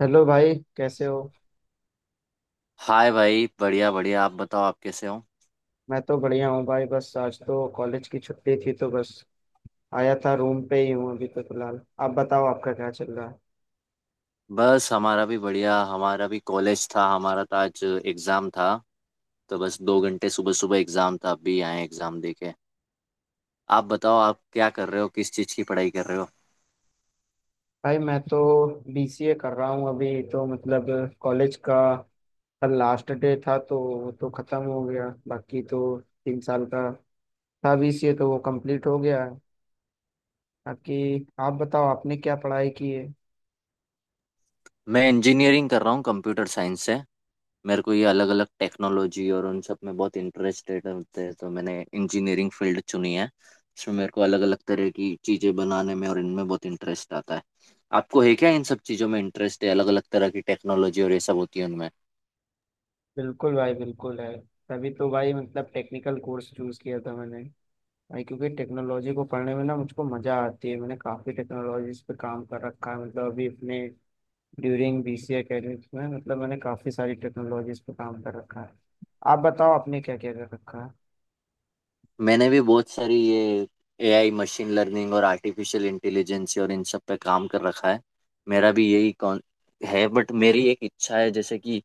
Hello भाई, कैसे हो? हाय भाई, बढ़िया बढ़िया। आप बताओ, आप कैसे हो? मैं तो बढ़िया हूँ भाई, बस आज तो कॉलेज की छुट्टी थी तो बस आया था, रूम पे ही हूँ अभी तो फिलहाल। आप बताओ आपका क्या चल रहा है। बस, हमारा भी बढ़िया। हमारा भी कॉलेज था। हमारा तो आज एग्ज़ाम था, तो बस 2 घंटे सुबह सुबह एग्ज़ाम था। अभी आए एग्ज़ाम दे के। आप बताओ, आप क्या कर रहे हो? किस चीज़ की पढ़ाई कर रहे हो? भाई मैं तो बीसीए कर रहा हूँ अभी तो, मतलब कॉलेज का कल लास्ट डे था तो वो तो ख़त्म हो गया। बाकी तो 3 साल का था बीसीए, तो वो कंप्लीट हो गया है। बाकी आप बताओ आपने क्या पढ़ाई की है। मैं इंजीनियरिंग कर रहा हूँ कंप्यूटर साइंस से। मेरे को ये अलग अलग टेक्नोलॉजी और उन सब में बहुत इंटरेस्टेड होते हैं, तो मैंने इंजीनियरिंग फील्ड चुनी है। इसमें मेरे को अलग अलग तरह की चीज़ें बनाने में और इनमें बहुत इंटरेस्ट आता है। आपको है क्या इन सब चीज़ों में इंटरेस्ट? है अलग अलग तरह की टेक्नोलॉजी और ये सब होती है उनमें। बिल्कुल भाई बिल्कुल है। तभी तो भाई, मतलब टेक्निकल कोर्स चूज़ किया था मैंने भाई, क्योंकि टेक्नोलॉजी को पढ़ने में ना मुझको मजा आती है। मैंने काफी टेक्नोलॉजीज पे काम कर रखा है, मतलब अभी अपने ड्यूरिंग बीसी एकेडमिक्स में, मतलब मैंने काफी सारी टेक्नोलॉजीज पे काम कर रखा है। आप बताओ आपने क्या क्या कर रखा है। मैंने भी बहुत सारी ये एआई, मशीन लर्निंग और आर्टिफिशियल इंटेलिजेंस और इन सब पे काम कर रखा है। मेरा भी यही कौन है, बट मेरी एक इच्छा है, जैसे कि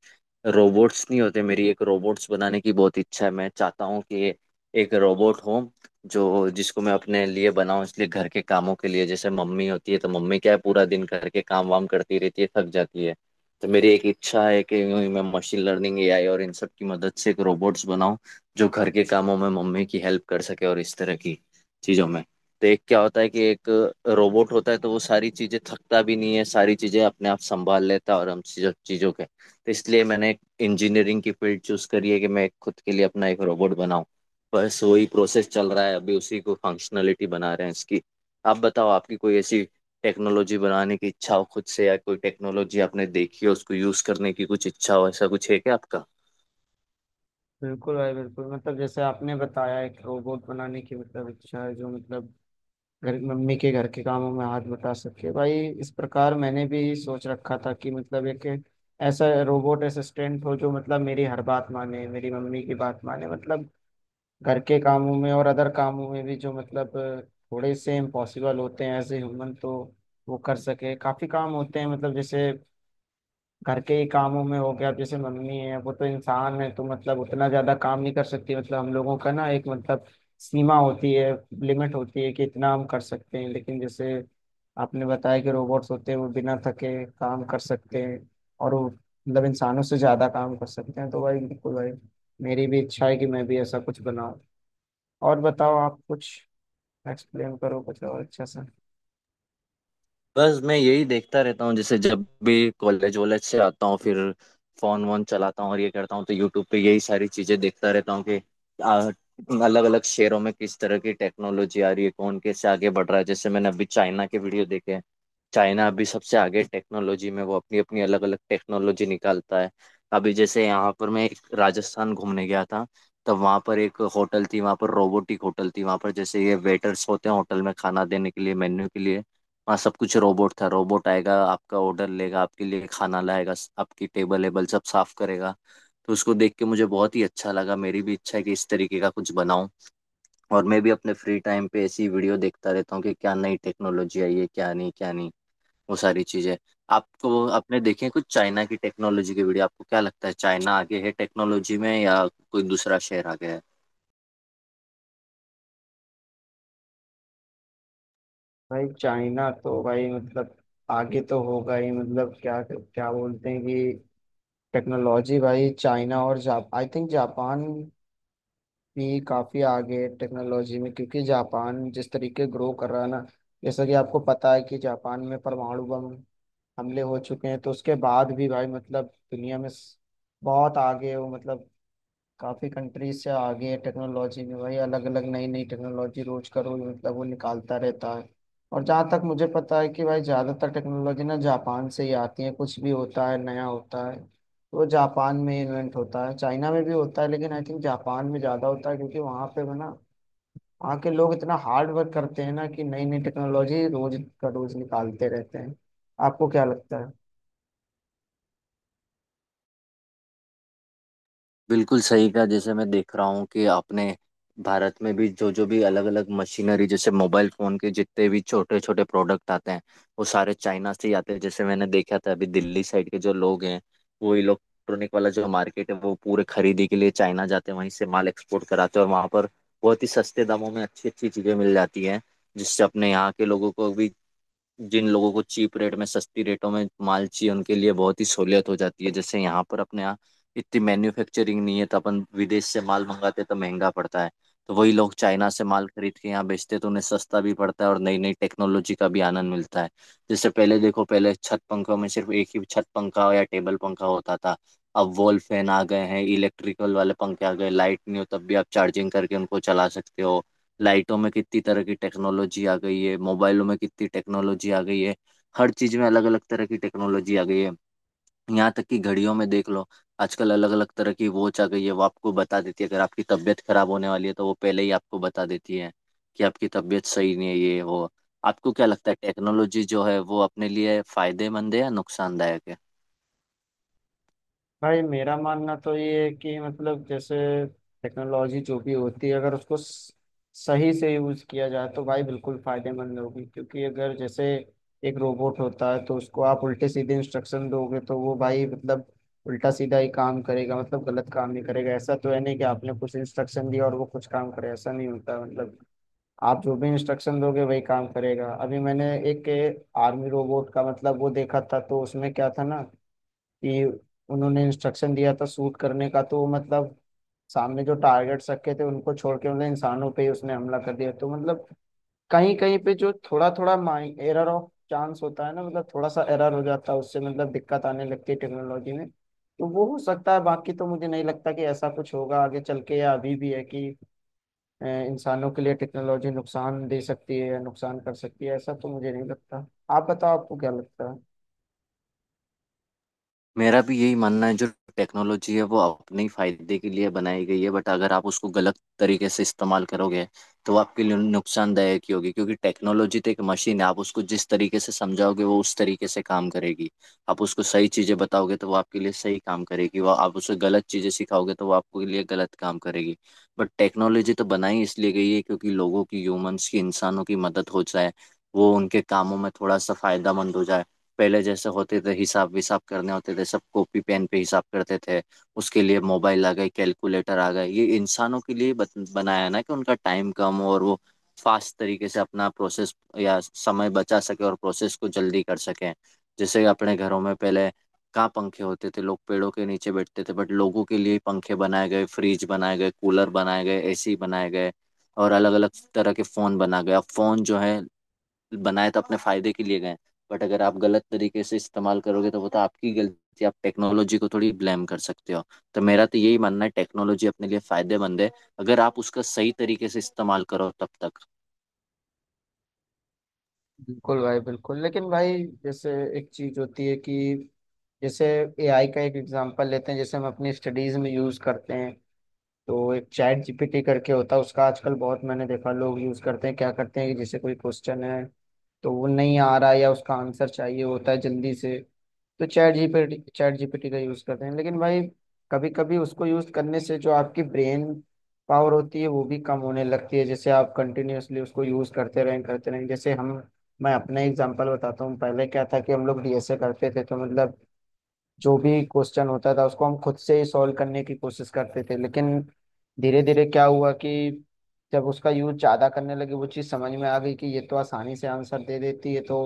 रोबोट्स नहीं होते, मेरी एक रोबोट्स बनाने की बहुत इच्छा है। मैं चाहता हूँ कि एक रोबोट हो जो जिसको मैं अपने लिए बनाऊं, इसलिए घर के कामों के लिए। जैसे मम्मी होती है, तो मम्मी क्या है, पूरा दिन घर के काम वाम करती रहती है, थक जाती है। तो मेरी एक इच्छा है कि यूं ही मैं मशीन लर्निंग, एआई और इन सब की मदद से एक रोबोट्स बनाऊं जो घर के कामों में मम्मी की हेल्प कर सके और इस तरह की चीजों में। तो एक क्या होता है कि एक रोबोट होता है, तो वो सारी चीजें, थकता भी नहीं है, सारी चीजें अपने आप संभाल लेता है और हम चीजों चीजों के। तो इसलिए मैंने एक इंजीनियरिंग की फील्ड चूज करी है कि मैं खुद के लिए अपना एक रोबोट बनाऊं। बस वही प्रोसेस चल रहा है अभी, उसी को फंक्शनलिटी बना रहे हैं इसकी। आप बताओ, आपकी कोई ऐसी टेक्नोलॉजी बनाने की इच्छा हो खुद से, या कोई टेक्नोलॉजी आपने देखी हो उसको यूज करने की कुछ इच्छा हो, ऐसा कुछ है क्या आपका? बिल्कुल भाई बिल्कुल, मतलब जैसे आपने बताया एक रोबोट बनाने की मतलब इच्छा है जो मतलब घर मम्मी के घर के कामों में हाथ बटा सके। भाई इस प्रकार मैंने भी सोच रखा था कि मतलब एक ऐसा रोबोट असिस्टेंट हो जो मतलब मेरी हर बात माने, मेरी मम्मी की बात माने, मतलब घर के कामों में और अदर कामों में भी जो मतलब थोड़े से इम्पॉसिबल होते हैं एज ए ह्यूमन, तो वो कर सके। काफी काम होते हैं मतलब जैसे घर के ही कामों में हो गया। अब जैसे मम्मी है वो तो इंसान है तो मतलब उतना ज्यादा काम नहीं कर सकती, मतलब हम लोगों का ना एक मतलब सीमा होती है, लिमिट होती है कि इतना हम कर सकते हैं। लेकिन जैसे आपने बताया कि रोबोट्स होते हैं वो बिना थके काम कर सकते हैं और वो मतलब इंसानों से ज्यादा काम कर सकते हैं। तो भाई बिल्कुल भाई, मेरी भी इच्छा है कि मैं भी ऐसा कुछ बनाऊं। और बताओ आप कुछ एक्सप्लेन करो कुछ और अच्छा सा। बस मैं यही देखता रहता हूँ। जैसे जब भी कॉलेज वॉलेज से आता हूँ, फिर फोन वोन चलाता हूँ और ये करता हूँ, तो यूट्यूब पे यही सारी चीजें देखता रहता हूँ कि अलग अलग शहरों में किस तरह की टेक्नोलॉजी आ रही है, कौन कैसे आगे बढ़ रहा है। जैसे मैंने अभी चाइना के वीडियो देखे हैं। चाइना अभी सबसे आगे टेक्नोलॉजी में, वो अपनी अपनी अलग अलग टेक्नोलॉजी निकालता है। अभी जैसे यहाँ पर, मैं एक राजस्थान घूमने गया था, तब वहाँ पर एक होटल थी, वहाँ पर रोबोटिक होटल थी। वहाँ पर जैसे ये वेटर्स होते हैं होटल में, खाना देने के लिए, मेन्यू के लिए, हाँ, सब कुछ रोबोट था। रोबोट आएगा, आपका ऑर्डर लेगा, आपके लिए खाना लाएगा, आपकी टेबल वेबल सब साफ करेगा। तो उसको देख के मुझे बहुत ही अच्छा लगा। मेरी भी इच्छा है कि इस तरीके का कुछ बनाऊं। और मैं भी अपने फ्री टाइम पे ऐसी वीडियो देखता रहता हूँ कि क्या नई टेक्नोलॉजी आई है, क्या नहीं, क्या नहीं, वो सारी चीजें। आपको, आपने देखे हैं कुछ चाइना की टेक्नोलॉजी की वीडियो? आपको क्या लगता है, चाइना आगे है टेक्नोलॉजी में या कोई दूसरा शहर आगे है? भाई चाइना तो भाई मतलब आगे तो होगा ही, मतलब क्या क्या बोलते हैं कि टेक्नोलॉजी भाई चाइना और जाप आई थिंक जापान भी काफी आगे है टेक्नोलॉजी में, क्योंकि जापान जिस तरीके ग्रो कर रहा है ना। जैसा कि आपको पता है कि जापान में परमाणु बम हमले हो चुके हैं तो उसके बाद भी भाई, मतलब दुनिया में बहुत आगे है वो, मतलब काफ़ी कंट्रीज से आगे है टेक्नोलॉजी में भाई। अलग अलग नई नई टेक्नोलॉजी रोज का रोज मतलब वो निकालता रहता है। और जहाँ तक मुझे पता है कि भाई ज़्यादातर टेक्नोलॉजी ना जापान से ही आती है, कुछ भी होता है नया होता है तो जापान में इन्वेंट होता है, चाइना में भी होता है, लेकिन आई थिंक जापान में ज़्यादा होता है क्योंकि वहाँ पे ना वहाँ के लोग इतना हार्ड वर्क करते हैं ना कि नई नई टेक्नोलॉजी रोज का रोज निकालते रहते हैं। आपको क्या लगता है। बिल्कुल सही कहा। जैसे मैं देख रहा हूँ कि आपने, भारत में भी जो जो भी अलग अलग मशीनरी, जैसे मोबाइल फोन के जितने भी छोटे छोटे प्रोडक्ट आते हैं, वो सारे चाइना से ही आते हैं। जैसे मैंने देखा था, अभी दिल्ली साइड के जो लोग हैं, वो इलेक्ट्रॉनिक वाला जो मार्केट है, वो पूरे खरीदी के लिए चाइना जाते हैं, वहीं से माल एक्सपोर्ट कराते हैं। और वहाँ पर बहुत ही सस्ते दामों में अच्छी अच्छी चीज़ें मिल जाती हैं, जिससे अपने यहाँ के लोगों को भी, जिन लोगों को चीप रेट में, सस्ती रेटों में माल चाहिए, उनके लिए बहुत ही सहूलियत हो जाती है। जैसे यहाँ पर, अपने यहाँ इतनी मैन्युफैक्चरिंग नहीं है, तो अपन विदेश से माल मंगाते तो महंगा पड़ता है। तो वही लोग चाइना से माल खरीद के यहाँ बेचते, तो उन्हें सस्ता भी पड़ता है और नई नई टेक्नोलॉजी का भी आनंद मिलता है। जैसे पहले देखो, पहले छत पंखों में सिर्फ एक ही छत पंखा या टेबल पंखा होता था। अब वॉल फैन आ गए हैं, इलेक्ट्रिकल वाले पंखे आ गए, लाइट नहीं हो तब भी आप चार्जिंग करके उनको चला सकते हो। लाइटों में कितनी तरह की टेक्नोलॉजी आ गई है, मोबाइलों में कितनी टेक्नोलॉजी आ गई है, हर चीज में अलग अलग तरह की टेक्नोलॉजी आ गई है। यहाँ तक कि घड़ियों में देख लो, आजकल अलग अलग तरह की वॉच आ गई है। वो आपको बता देती है, अगर आपकी तबीयत खराब होने वाली है तो वो पहले ही आपको बता देती है कि आपकी तबीयत सही नहीं है, ये वो। आपको क्या लगता है, टेक्नोलॉजी जो है वो अपने लिए फायदेमंद है या नुकसानदायक है? भाई मेरा मानना तो ये है कि मतलब जैसे टेक्नोलॉजी जो भी होती है, अगर उसको सही से यूज किया जाए तो भाई बिल्कुल फायदेमंद होगी। क्योंकि अगर जैसे एक रोबोट होता है तो उसको आप उल्टे सीधे इंस्ट्रक्शन दोगे तो वो भाई मतलब उल्टा सीधा ही काम करेगा, मतलब गलत काम नहीं करेगा। ऐसा तो है नहीं कि आपने कुछ इंस्ट्रक्शन दिया और वो कुछ काम करे, ऐसा नहीं होता है। मतलब आप जो भी इंस्ट्रक्शन दोगे वही काम करेगा। अभी मैंने एक आर्मी रोबोट का मतलब वो देखा था तो उसमें क्या था ना कि उन्होंने इंस्ट्रक्शन दिया था शूट करने का, तो मतलब सामने जो टारगेट्स रखे थे उनको छोड़ के मतलब इंसानों पे ही उसने हमला कर दिया। तो मतलब कहीं कहीं पे जो थोड़ा थोड़ा माइ एरर ऑफ चांस होता है ना, मतलब थोड़ा सा एरर हो जाता है, उससे मतलब दिक्कत आने लगती है टेक्नोलॉजी में, तो वो हो सकता है। बाकी तो मुझे नहीं लगता कि ऐसा कुछ होगा आगे चल के या अभी भी है कि इंसानों के लिए टेक्नोलॉजी नुकसान दे सकती है या नुकसान कर सकती है, ऐसा तो मुझे नहीं लगता। आप बताओ आपको क्या लगता है। मेरा भी यही मानना है, जो टेक्नोलॉजी है वो अपने ही फायदे के लिए बनाई गई है। बट अगर आप उसको गलत तरीके से इस्तेमाल करोगे तो वो आपके लिए नुकसानदायक ही होगी, क्योंकि टेक्नोलॉजी तो एक मशीन है, आप उसको जिस तरीके से समझाओगे वो उस तरीके से काम करेगी। आप उसको सही चीज़ें बताओगे तो वो आपके लिए सही काम करेगी, वो आप उसे गलत चीज़ें सिखाओगे तो वो आपके लिए गलत काम करेगी। बट टेक्नोलॉजी तो बनाई इसलिए गई है क्योंकि लोगों की, ह्यूमंस की, इंसानों की मदद हो जाए, वो उनके कामों में थोड़ा सा फायदा मंद हो जाए। पहले जैसे होते थे, हिसाब विसाब करने होते थे, सब कॉपी पेन पे हिसाब करते थे, उसके लिए मोबाइल आ गए, कैलकुलेटर आ गए। ये इंसानों के लिए बनाया है ना, कि उनका टाइम कम और वो फास्ट तरीके से अपना प्रोसेस, या समय बचा सके और प्रोसेस को जल्दी कर सकें। जैसे अपने घरों में पहले कहाँ पंखे होते थे, लोग पेड़ों के नीचे बैठते थे, बट लोगों के लिए पंखे बनाए गए, फ्रिज बनाए गए, कूलर बनाए गए, एसी बनाए गए, और अलग अलग तरह के फ़ोन बना गए। अब फ़ोन जो है, बनाए तो अपने फायदे के लिए गए, बट अगर आप गलत तरीके से इस्तेमाल करोगे तो वो तो आपकी गलती, आप टेक्नोलॉजी को थोड़ी ब्लेम कर सकते हो। तो मेरा तो यही मानना है, टेक्नोलॉजी अपने लिए फायदेमंद है अगर आप उसका सही तरीके से इस्तेमाल करो, तब तक। बिल्कुल भाई बिल्कुल, लेकिन भाई जैसे एक चीज होती है कि जैसे एआई का एक एग्जांपल लेते हैं जैसे हम अपनी स्टडीज में यूज करते हैं। तो एक चैट जीपीटी करके होता है उसका आजकल बहुत मैंने देखा लोग यूज करते हैं। क्या करते हैं कि जैसे कोई क्वेश्चन है तो वो नहीं आ रहा या उसका आंसर चाहिए होता है जल्दी से, तो चैट जीपीटी का यूज करते हैं। लेकिन भाई कभी कभी उसको यूज करने से जो आपकी ब्रेन पावर होती है वो भी कम होने लगती है। जैसे आप कंटिन्यूअसली उसको यूज करते रहें जैसे हम। मैं अपना एग्जांपल बताता हूँ, पहले क्या था कि हम लोग डीएसए करते थे तो मतलब जो भी क्वेश्चन होता था उसको हम खुद से ही सॉल्व करने की कोशिश करते थे। लेकिन धीरे धीरे क्या हुआ कि जब उसका यूज ज्यादा करने लगे वो चीज समझ में आ गई कि ये तो आसानी से आंसर दे देती है तो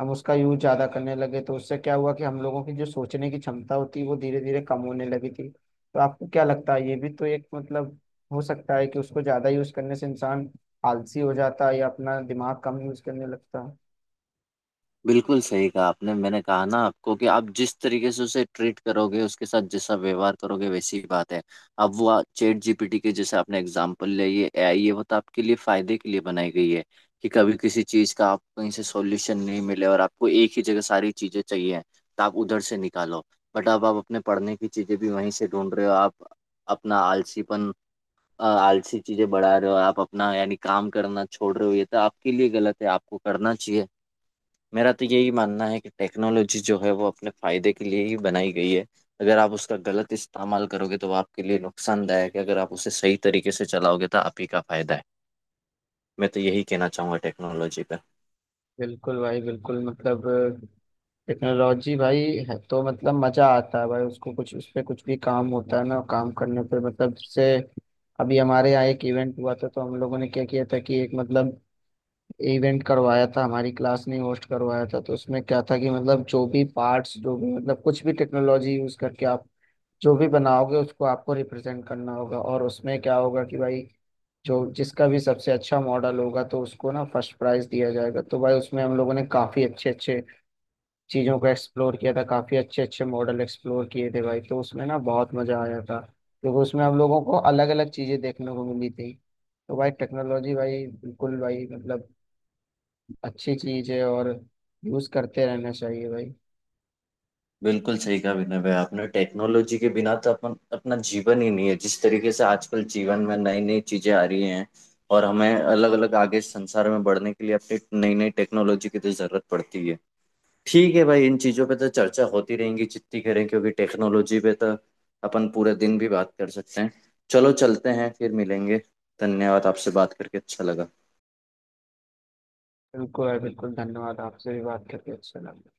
हम उसका यूज ज्यादा करने लगे, तो उससे क्या हुआ कि हम लोगों की जो सोचने की क्षमता होती है वो धीरे धीरे कम होने लगी थी। तो आपको क्या लगता है ये भी तो एक मतलब हो सकता है कि उसको ज्यादा यूज करने से इंसान आलसी हो जाता है या अपना दिमाग कम यूज करने लगता है। बिल्कुल सही कहा आपने। मैंने कहा ना आपको कि आप जिस तरीके से उसे ट्रीट करोगे, उसके साथ जैसा व्यवहार करोगे, वैसी ही बात है। अब वो चैट जीपीटी के जैसे आपने एग्जांपल लिया, ये एआई, ये वो तो आपके लिए फायदे के लिए बनाई गई है कि कभी किसी चीज का आपको कहीं से सॉल्यूशन नहीं मिले और आपको एक ही जगह सारी चीजें चाहिए तो आप उधर से निकालो। बट अब आप अपने पढ़ने की चीजें भी वहीं से ढूंढ रहे हो, आप अपना आलसीपन, आलसी चीजें बढ़ा रहे हो, आप अपना यानी काम करना छोड़ रहे हो, ये तो आपके लिए गलत है, आपको करना चाहिए। मेरा तो यही मानना है कि टेक्नोलॉजी जो है वो अपने फायदे के लिए ही बनाई गई है। अगर आप उसका गलत इस्तेमाल करोगे तो वो आपके लिए नुकसानदायक है, अगर आप उसे सही तरीके से चलाओगे तो आप ही का फायदा है। मैं तो यही कहना चाहूंगा टेक्नोलॉजी पर। बिल्कुल भाई बिल्कुल, मतलब टेक्नोलॉजी भाई है तो मतलब मजा आता है भाई उसको कुछ उस पे कुछ भी काम होता है ना काम करने पे। मतलब जैसे अभी हमारे यहाँ एक इवेंट हुआ था, तो हम लोगों ने क्या किया था कि एक मतलब इवेंट करवाया था हमारी क्लास ने होस्ट करवाया था। तो उसमें क्या था कि मतलब जो भी पार्ट्स जो भी मतलब कुछ भी टेक्नोलॉजी यूज करके आप जो भी बनाओगे उसको आपको रिप्रेजेंट करना होगा। और उसमें क्या होगा कि भाई जो जिसका भी सबसे अच्छा मॉडल होगा तो उसको ना फर्स्ट प्राइज दिया जाएगा। तो भाई उसमें हम लोगों ने काफ़ी अच्छे अच्छे चीज़ों को एक्सप्लोर किया था, काफ़ी अच्छे अच्छे मॉडल एक्सप्लोर किए थे भाई, तो उसमें ना बहुत मज़ा आया था क्योंकि उसमें हम लोगों को अलग अलग चीज़ें देखने को मिली थी। तो भाई टेक्नोलॉजी भाई बिल्कुल भाई, मतलब अच्छी चीज़ है और यूज़ करते रहना चाहिए भाई। बिल्कुल सही कहा विनय भाई आपने। टेक्नोलॉजी के बिना तो अपन अपना जीवन ही नहीं है, जिस तरीके से आजकल जीवन में नई नई चीजें आ रही हैं, और हमें अलग अलग आगे संसार में बढ़ने के लिए अपनी नई नई टेक्नोलॉजी की तो जरूरत पड़ती है। ठीक है भाई, इन चीज़ों पे तो चर्चा होती रहेंगी जितनी करें, क्योंकि टेक्नोलॉजी पे तो अपन पूरे दिन भी बात कर सकते हैं। चलो, चलते हैं, फिर मिलेंगे। धन्यवाद, आपसे बात करके अच्छा लगा। बिल्कुल भाई बिल्कुल, धन्यवाद आपसे भी बात करके अच्छा लगा।